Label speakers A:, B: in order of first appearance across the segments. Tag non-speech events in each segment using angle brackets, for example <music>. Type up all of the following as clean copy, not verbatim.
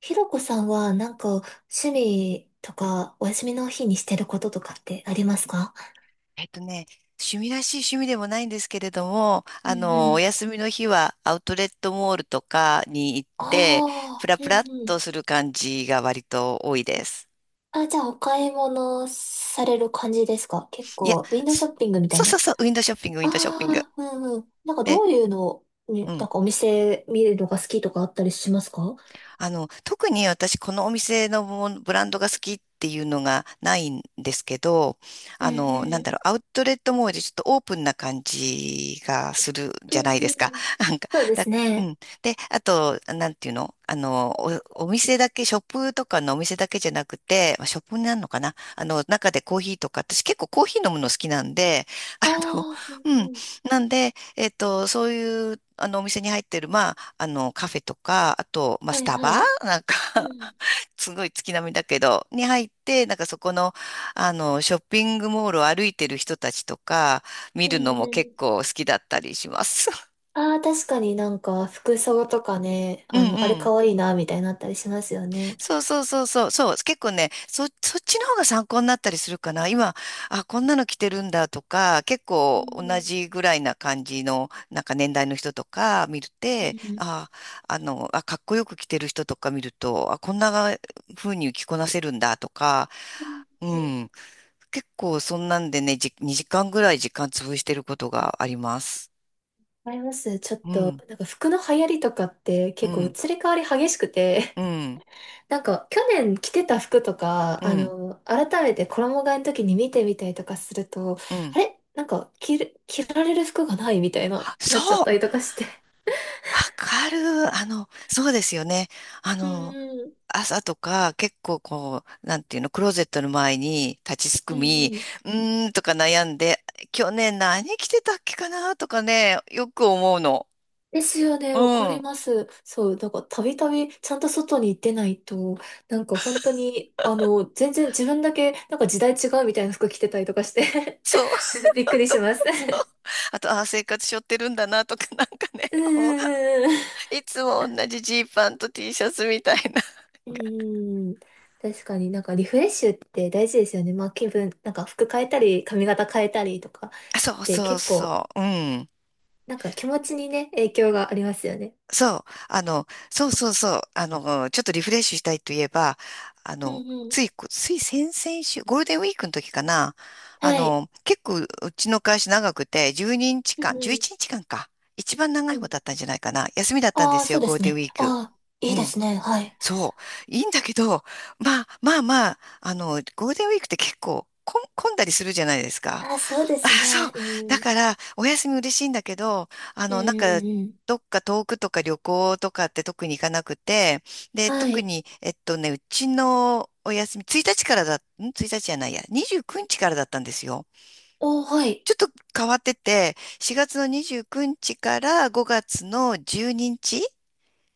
A: ひろこさんはなんか趣味とかお休みの日にしてることとかってありますか？
B: えっとね、趣味らしい趣味でもないんですけれども、
A: うんう
B: お
A: ん。
B: 休みの日はアウトレットモールとかに行っ
A: あ
B: て、プ
A: あ、
B: ラ
A: う
B: プ
A: ん
B: ラっ
A: う
B: と
A: ん。
B: する感じが割と多いです。
A: あ、じゃあお買い物される感じですか？結
B: いや、
A: 構、ウィンドウシ
B: そ
A: ョッピングみた
B: そ
A: い
B: うそう
A: な。
B: そう、ウィンドウショッピング、ウィンドウショッピング。
A: ああ、うんうん。なんか
B: で、
A: どういうのに、
B: う
A: な
B: ん。
A: んかお店見るのが好きとかあったりしますか？
B: 特に私、このお店のものブランドが好きっていうのがないんですけど、
A: うん
B: なん
A: う
B: だ
A: ん。
B: ろう、アウトレットモールでちょっとオープンな感じがする
A: う
B: じ
A: ん
B: ゃないです
A: う
B: か。
A: ん。
B: <laughs> なんか、
A: そうで
B: だ、
A: す
B: う
A: ね。
B: ん。で、あと、なんていうのお店だけ、ショップとかのお店だけじゃなくて、まあショップになるのかな中でコーヒーとか、私結構コーヒー飲むの好きなんで、
A: あ
B: <laughs> あの、
A: あ、うん
B: うん。
A: うん。
B: なんで、そういう、お店に入ってる、まあ、カフェとか、あと、まあ、
A: は
B: ス
A: い
B: タ
A: は
B: バ
A: い。
B: <laughs> なんか
A: うん、
B: <laughs> すごい月並みだけど、に入って、なんかそこの、ショッピングモールを歩いてる人たちとか、見
A: う
B: るの
A: ん
B: も
A: う
B: 結
A: ん。
B: 構好きだったりします。<laughs>
A: ああ、確かになんか服装とかね、
B: うん
A: あれ
B: うん。
A: 可愛いな、みたいになったりしますよね。
B: そうそうそうそう、そう、結構ね、そっちの方が参考になったりするかな。今、あ、こんなの着てるんだとか、結
A: う
B: 構同
A: ん
B: じぐらいな感じの、なんか年代の人とか見る
A: う
B: て、
A: んうん。
B: あ、あ、かっこよく着てる人とか見ると、あ、こんな風に着こなせるんだとか、うん、結構そんなんでね、2時間ぐらい時間潰してることがあります。
A: あります。ちょっ
B: う
A: と、
B: ん、
A: なんか服の流行りとかって
B: う
A: 結構
B: ん、
A: 移り変わり激しくて、
B: うん、
A: <laughs> なんか去年着てた服と
B: う
A: か、
B: ん、
A: 改めて衣替えの時に見てみたりとかすると、
B: うん。
A: あれなんか着られる服がないみたいな、
B: あそ
A: なっちゃっ
B: う
A: たりとかして。
B: わかる。そうですよね。あ
A: う
B: の、
A: んうん。
B: 朝とか結構こう、なんていうの、クローゼットの前に立ちす
A: う
B: く
A: んう
B: み、
A: ん。
B: うーんとか悩んで、去年何着てたっけかなとかね、よく思うの。
A: ですよ
B: う
A: ね、わかり
B: ん。
A: ます。そう、なんかたびたびちゃんと外に出ないと、なんか本当に、全然自分だけ、なんか時代違うみたいな服着てたりとかして、
B: そう、
A: <laughs> び
B: <laughs>
A: っ
B: あ
A: くりし
B: と、
A: ます。
B: そう。
A: <laughs>
B: あと、ああ、生活しょってるんだなとか、<laughs> なんかね、
A: うんうん
B: いつも同じジーパンと T シャツみたいな。
A: うんうん。<laughs> うーん、確かになんかリフレッシュって大事ですよね。まあ気分、なんか服変えたり、髪型変えたりとか
B: あそう
A: で
B: そう
A: 結構、
B: そう。うん。
A: なんか気持ちにね、影響がありますよね。
B: そう、そうそうそう、ちょっとリフレッシュしたいといえば、
A: うんうん。
B: つい先々週、ゴールデンウィークの時かな、
A: はい。
B: 結構うちの会社長くて、12日
A: うん
B: 間、11
A: うん。
B: 日間かんか、一番長い
A: うん。
B: 方だったんじゃないかな、休みだったんで
A: ああ、
B: す
A: そ
B: よ、
A: うで
B: ゴール
A: す
B: デンウ
A: ね。
B: ィーク。
A: ああ、い
B: う
A: いで
B: ん、
A: すね。はい。
B: そう、いいんだけど、まあまあまあ、ゴールデンウィークって結構混んだりするじゃないですか。
A: あ、そうで
B: あ、
A: す
B: そう。
A: ね。う
B: だ
A: ん。うん
B: から、お休み嬉しいんだけど、
A: うん
B: なんか、
A: うん。
B: どっか遠くとか旅行とかって特に行かなくて、で、
A: は
B: 特
A: い。
B: に、うちのお休み、1日からだ、ん ?1 日じゃないや、29日からだったんですよ。
A: おー、はい。
B: ちょっと変わってて、4月の29日から5月の12日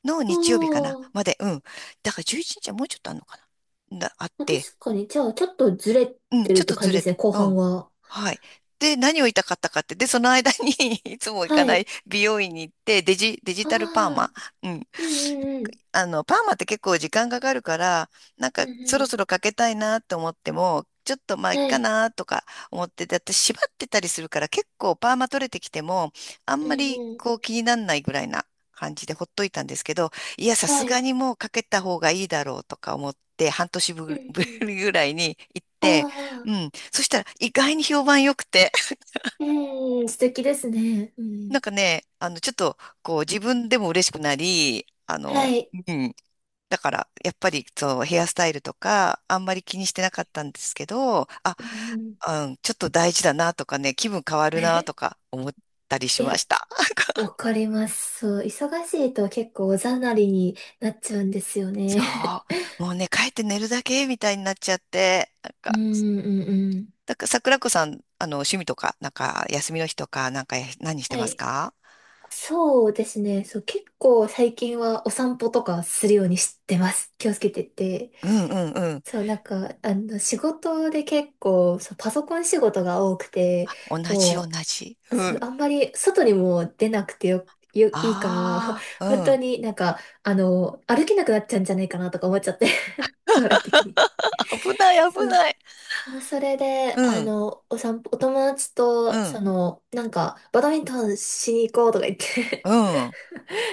B: の
A: お
B: 日曜日かな、
A: ー。
B: まで、うん。だから11日はもうちょっとあるのかな。あっ
A: まあ
B: て、
A: 確かに、じゃあ、ちょっとずれ
B: うん、
A: てる
B: ちょっ
A: って
B: と
A: 感
B: ず
A: じで
B: れ
A: すね、
B: て、
A: 後
B: う
A: 半
B: ん。
A: は。
B: はい。で、何を言いたかったかって、で、その間に <laughs> いつも行か
A: は
B: ない
A: い。
B: 美容院に行って、デジ
A: あ
B: タルパーマ、
A: あ。
B: うん、
A: うんうんうん。
B: パーマって結構時間かかるから、なん
A: う
B: かそろ
A: ん
B: そろかけたいなと思っても、ちょっとまあい
A: う
B: っ
A: ん。は
B: か
A: い。
B: なとか思ってて、だって縛ってたりするから結構パーマ取れてきても、あん
A: う
B: まり
A: んう
B: こう
A: ん。
B: 気になんないぐらいな感じでほっといたんですけど、いや、さ
A: は
B: すが
A: い。
B: にもうかけた方がいいだろうとか思って、半年
A: うん
B: ぶ
A: うん。
B: りぐらいに行っ
A: あ
B: て、
A: あ。
B: うん。そしたら意外に評判良くて、
A: うんうん。素敵ですね。う
B: な
A: ん。
B: んかね、ちょっとこう自分でも嬉しくなり、
A: はい。
B: うんだから、やっぱり、そう、ヘアスタイルとか、あんまり気にしてなかったんですけど、あ、
A: うんうん。
B: うん、ちょっと大事だなとかね、気分変わるなと
A: <laughs>
B: か思ったり
A: い
B: しま
A: や、
B: した。
A: わかります。そう、忙しいと結構おざなりになっちゃうんですよね。
B: そう。もうね、帰って寝るだけみたいになっちゃって、なん
A: <laughs> う
B: か、
A: んうんうん。
B: だから桜子さん、趣味とか、なんか、休みの日とか、なんか、何して
A: は
B: ます
A: い。
B: か？
A: そうですね。そう、結構最近はお散歩とかするようにしてます。気をつけてて。
B: うんうんうん。
A: そう、なんか、仕事で結構、そう、パソコン仕事が多くて、
B: 同じ同
A: も
B: じ。
A: う、
B: う
A: そう、
B: ん。
A: あんまり外にも出なくていいから、
B: ああ、
A: <laughs> 本
B: う
A: 当
B: ん。
A: になんか、歩けなくなっちゃうんじゃないかなとか思っちゃって、<laughs> 将来的に。
B: 危ない危
A: そう。
B: ない。
A: それで、
B: うん、
A: お散歩、お友達
B: う
A: と、
B: ん、
A: その、なんか、バドミントンしに行こうとか言っ
B: う
A: て
B: ん、うん、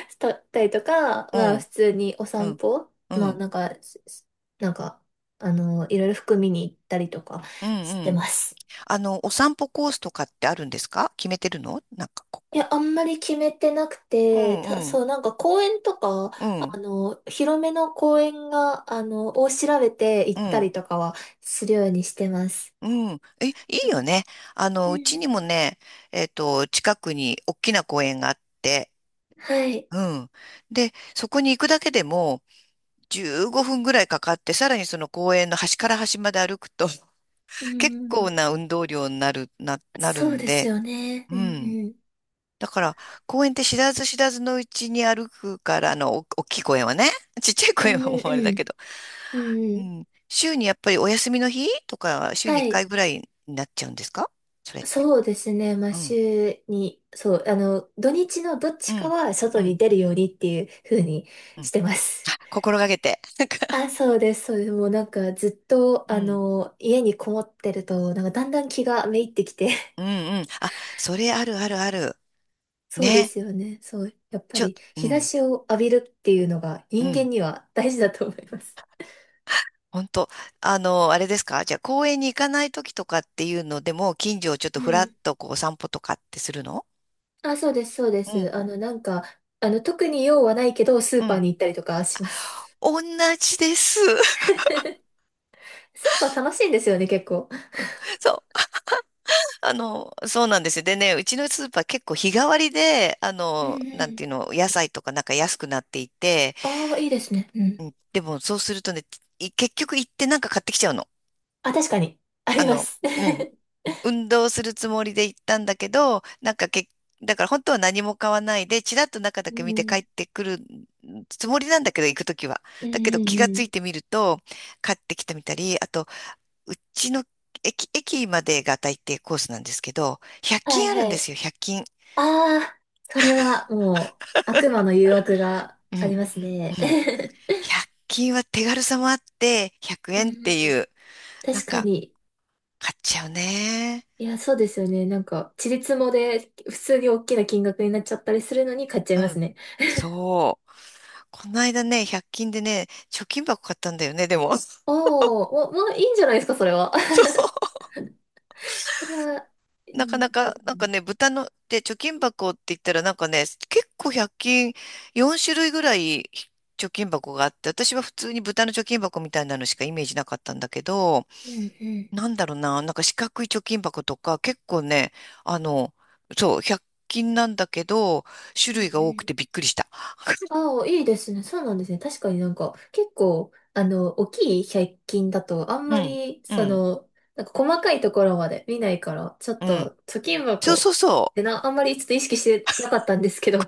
A: したったりとか、
B: う
A: まあ
B: ん、
A: 普通にお
B: う
A: 散
B: ん、
A: 歩、まあ
B: う
A: なんか、なんか、いろいろ服見に行ったりとか
B: ん、
A: して
B: うん。
A: ます。
B: お散歩コースとかってあるんですか？決めてるのなんか、こ
A: い
B: こ。
A: や、あんまり決めてなく
B: う
A: て、
B: んうん、
A: そう、なんか公園とか、
B: うん、
A: 広めの公園が、を調べて行
B: う
A: った
B: ん、
A: りとかはするようにしてます。
B: うん。え、い
A: そ
B: い
A: う。ん。
B: よね。
A: う
B: うちにも
A: ん。
B: ね、近くに大きな公園があって、
A: はい。
B: うん。で、そこに行くだけでも、15分ぐらいかかって、さらにその公園の端から端まで歩くと、<laughs>
A: うん
B: 結
A: う
B: 構
A: ん。
B: な運動量になる、なる
A: そう
B: ん
A: です
B: で、
A: よね。う
B: う
A: ん
B: ん。
A: うん。
B: だから、公園って知らず知らずのうちに歩くから、大きい公園はね。<laughs> ちっちゃい
A: う
B: 公園
A: ん
B: はも
A: うん
B: うあれだ
A: う
B: け
A: ん。
B: ど。
A: うんう
B: う
A: ん。
B: ん。週にやっぱりお休みの日とか、週に
A: は
B: 1回
A: い。
B: ぐらいになっちゃうんですか？それって。
A: そうですね。まあ、
B: うん。
A: 週に、そう、土日のどっ
B: う
A: ちか
B: ん。
A: は
B: う
A: 外に
B: ん。
A: 出るようにっていう風に
B: うん。
A: してます。
B: 心がけて。<laughs> なんか
A: あ、そうです。そうです。もうなんかずっと、
B: うん。
A: 家にこもってると、なんかだんだん気がめいってきて。
B: うん。
A: <laughs>
B: うん。あ、それあるあるある。
A: そうで
B: ね。
A: すよね。そう。やっぱ
B: ちょっ
A: り
B: と、う
A: 日差
B: ん。
A: しを浴びるっていうのが
B: う
A: 人
B: ん。
A: 間には大事だと思います。
B: 本当あれですか？じゃあ公園に行かない時とかっていうのでも、近所をちょっと
A: う
B: ふらっ
A: ん。
B: とこう散歩とかってするの？
A: あ、そうです、そうで
B: う
A: す。
B: ん。
A: なんか、特に用はないけど、ス
B: う
A: ーパー
B: ん。
A: に行ったりとかします。<laughs>
B: 同じです。
A: スーパー楽しいんですよね、結構。
B: <laughs> そう。そうなんですよ。でね、うちのスーパー結構日替わりで、
A: うんう
B: なん
A: ん。
B: ていうの、野菜とかなんか安くなっていて、
A: ああ、いいですね。う
B: う
A: ん。
B: ん、でもそうするとね、結局行ってなんか買ってきちゃうの。
A: あ、確かに。あ
B: あ
A: りま
B: の、
A: す。
B: うん。
A: <laughs>
B: 運動するつもりで行ったんだけど、なんかだから本当は何も買わないで、ちらっと中だ
A: う
B: け見て帰
A: ん。
B: ってくるつもりなんだけど、行くときは。
A: うん
B: だけ
A: う
B: ど気が
A: んう
B: つ
A: ん。
B: いてみると、買ってきてみたり、あと、うちの駅までが大抵コースなんですけど、100
A: はい
B: 均あるん
A: は
B: です
A: い。
B: よ、100均。
A: ああ、それはもう悪魔の誘惑が
B: う
A: あり
B: ん、
A: ますね。
B: うん。
A: <laughs>
B: 100均は手軽さもあって、100
A: う
B: 円ってい
A: ん、
B: う、なん
A: 確か
B: か、
A: に。
B: 買っちゃうね。
A: いや、そうですよね。なんか、ちりつもで普通に大きな金額になっちゃったりするのに買っちゃい
B: う
A: ます
B: ん。
A: ね。
B: そう。この間ね、100均でね、貯金箱買ったんだよね、でも。<laughs>
A: おお、もう、もういいんじゃないですか、それは。<laughs>
B: そ
A: それは、う
B: う。なか
A: ん、いい
B: な
A: で
B: か、
A: す
B: なんか
A: ね。
B: ね、豚の、で、貯金箱って言ったらなんかね、結構100均4種類ぐらい貯金箱があって、私は普通に豚の貯金箱みたいなのしかイメージなかったんだけど、
A: うん、うん、
B: なんだろうな、なんか四角い貯金箱とか、結構ね、あの、そう、100均なんだけど、種
A: うん、う
B: 類が多く
A: ん。
B: てびっくりした。<laughs>
A: ああ、いいですね。そうなんですね。確かになんか、結構、大きい百均だと、あん
B: う
A: ま
B: ん、
A: り、
B: う
A: そ
B: ん、
A: の、なんか細かいところまで見ないから、ちょっ
B: うん。
A: と、貯金
B: そ
A: 箱
B: うそ
A: っ
B: うそう。
A: てな、あんまりちょっと意識してなかったんですけど、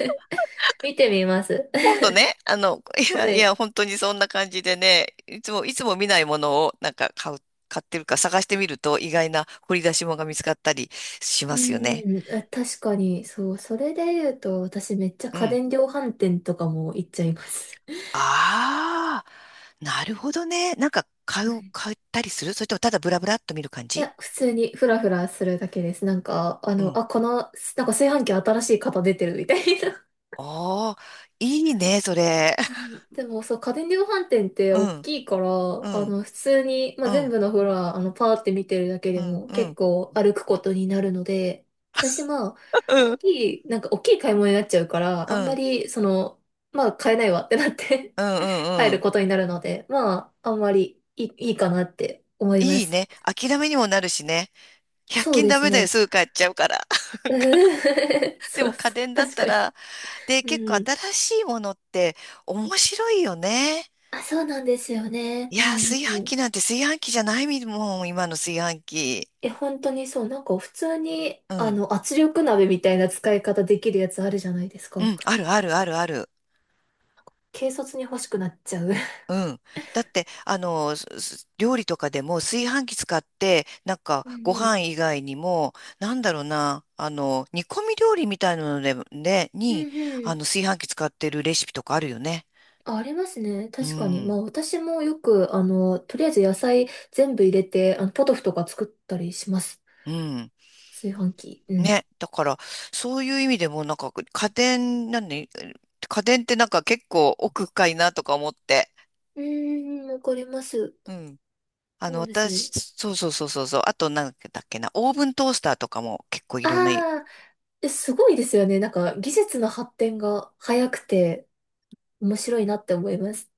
A: <laughs> 見てみます。
B: 今
A: <laughs>
B: 度ね、いや、
A: は
B: い
A: い。
B: や、本当にそんな感じでね、いつも、いつも見ないものをなんか買う、買ってるか探してみると意外な掘り出し物が見つかったりし
A: う
B: ますよね。
A: ーん、あ確かに、そう、それで言うと、私めっちゃ
B: う
A: 家
B: ん。
A: 電量販店とかも行っちゃいます。
B: ああ、なるほどね。なんか
A: <laughs>
B: 買
A: は
B: う、
A: い。
B: 買ったりするそれともただブラブラっと見る感
A: い
B: じ？
A: や、普通にフラフラするだけです。なんか、
B: うん
A: あ、この、なんか炊飯器新しい型出てるみたいな。
B: ああ、いいね、それ。<laughs>
A: うん。でもさ、家電量販店って
B: う
A: 大
B: ん、
A: きいから、
B: うん、
A: 普通に、まあ、
B: う
A: 全
B: ん、
A: 部のフロア、パーって見てるだけ
B: う
A: で
B: ん、
A: も
B: うん、う
A: 結
B: ん、
A: 構歩くことになるので、私、まあ、大
B: う
A: きい、なんか大きい買い物になっちゃうから、あんま
B: ん、
A: り、その、まあ、買えないわってなって、
B: う
A: <laughs> 帰
B: ん、う
A: る
B: ん。
A: ことになるので、まあ、あんまりいいかなって思いま
B: いい
A: す。
B: ね。諦めにもなるしね。100
A: そう
B: 均
A: で
B: ダ
A: す
B: メだよ、
A: ね。
B: すぐ買っちゃうから。<laughs>
A: <laughs>
B: で
A: そ
B: も
A: う
B: 家
A: そう、
B: 電だっ
A: 確
B: た
A: かに。
B: ら、で、結構
A: うん。
B: 新しいものって面白いよね。
A: あ、そうなんですよね。
B: い
A: う
B: やー、
A: ん
B: 炊
A: う
B: 飯器な
A: ん。
B: んて炊飯器じゃないもん、今の炊飯器。
A: え、本当にそう、なんか普通に、
B: うん、
A: 圧力鍋みたいな使い方できるやつあるじゃないです
B: う
A: か。
B: ん、あるあるあるある。
A: 軽率に欲しくなっちゃう。
B: うん。だって、料理とかでも炊飯器使って、なんか
A: うん
B: ご
A: うん。
B: 飯以外にも、なんだろうな、煮込み料理みたいなので、ね、
A: うんうん。
B: 炊飯器使ってるレシピとかあるよね。
A: あ、ありますね。
B: う
A: 確かに。ま
B: ん。
A: あ私もよく、とりあえず野菜全部入れて、ポトフとか作ったりします。
B: うん。
A: 炊飯器。うん。
B: ね。だから、そういう意味でも、なんか、家電、なんで、家電ってなんか結構奥深いなとか思って。
A: うーん、わかります。
B: うん。
A: そうですね。
B: 私、そうそうそうそうそう。あと、なんだっけな、オーブントースターとかも結構いろんな
A: ああ、え、すごいですよね。なんか技術の発展が早くて面白いなって思います。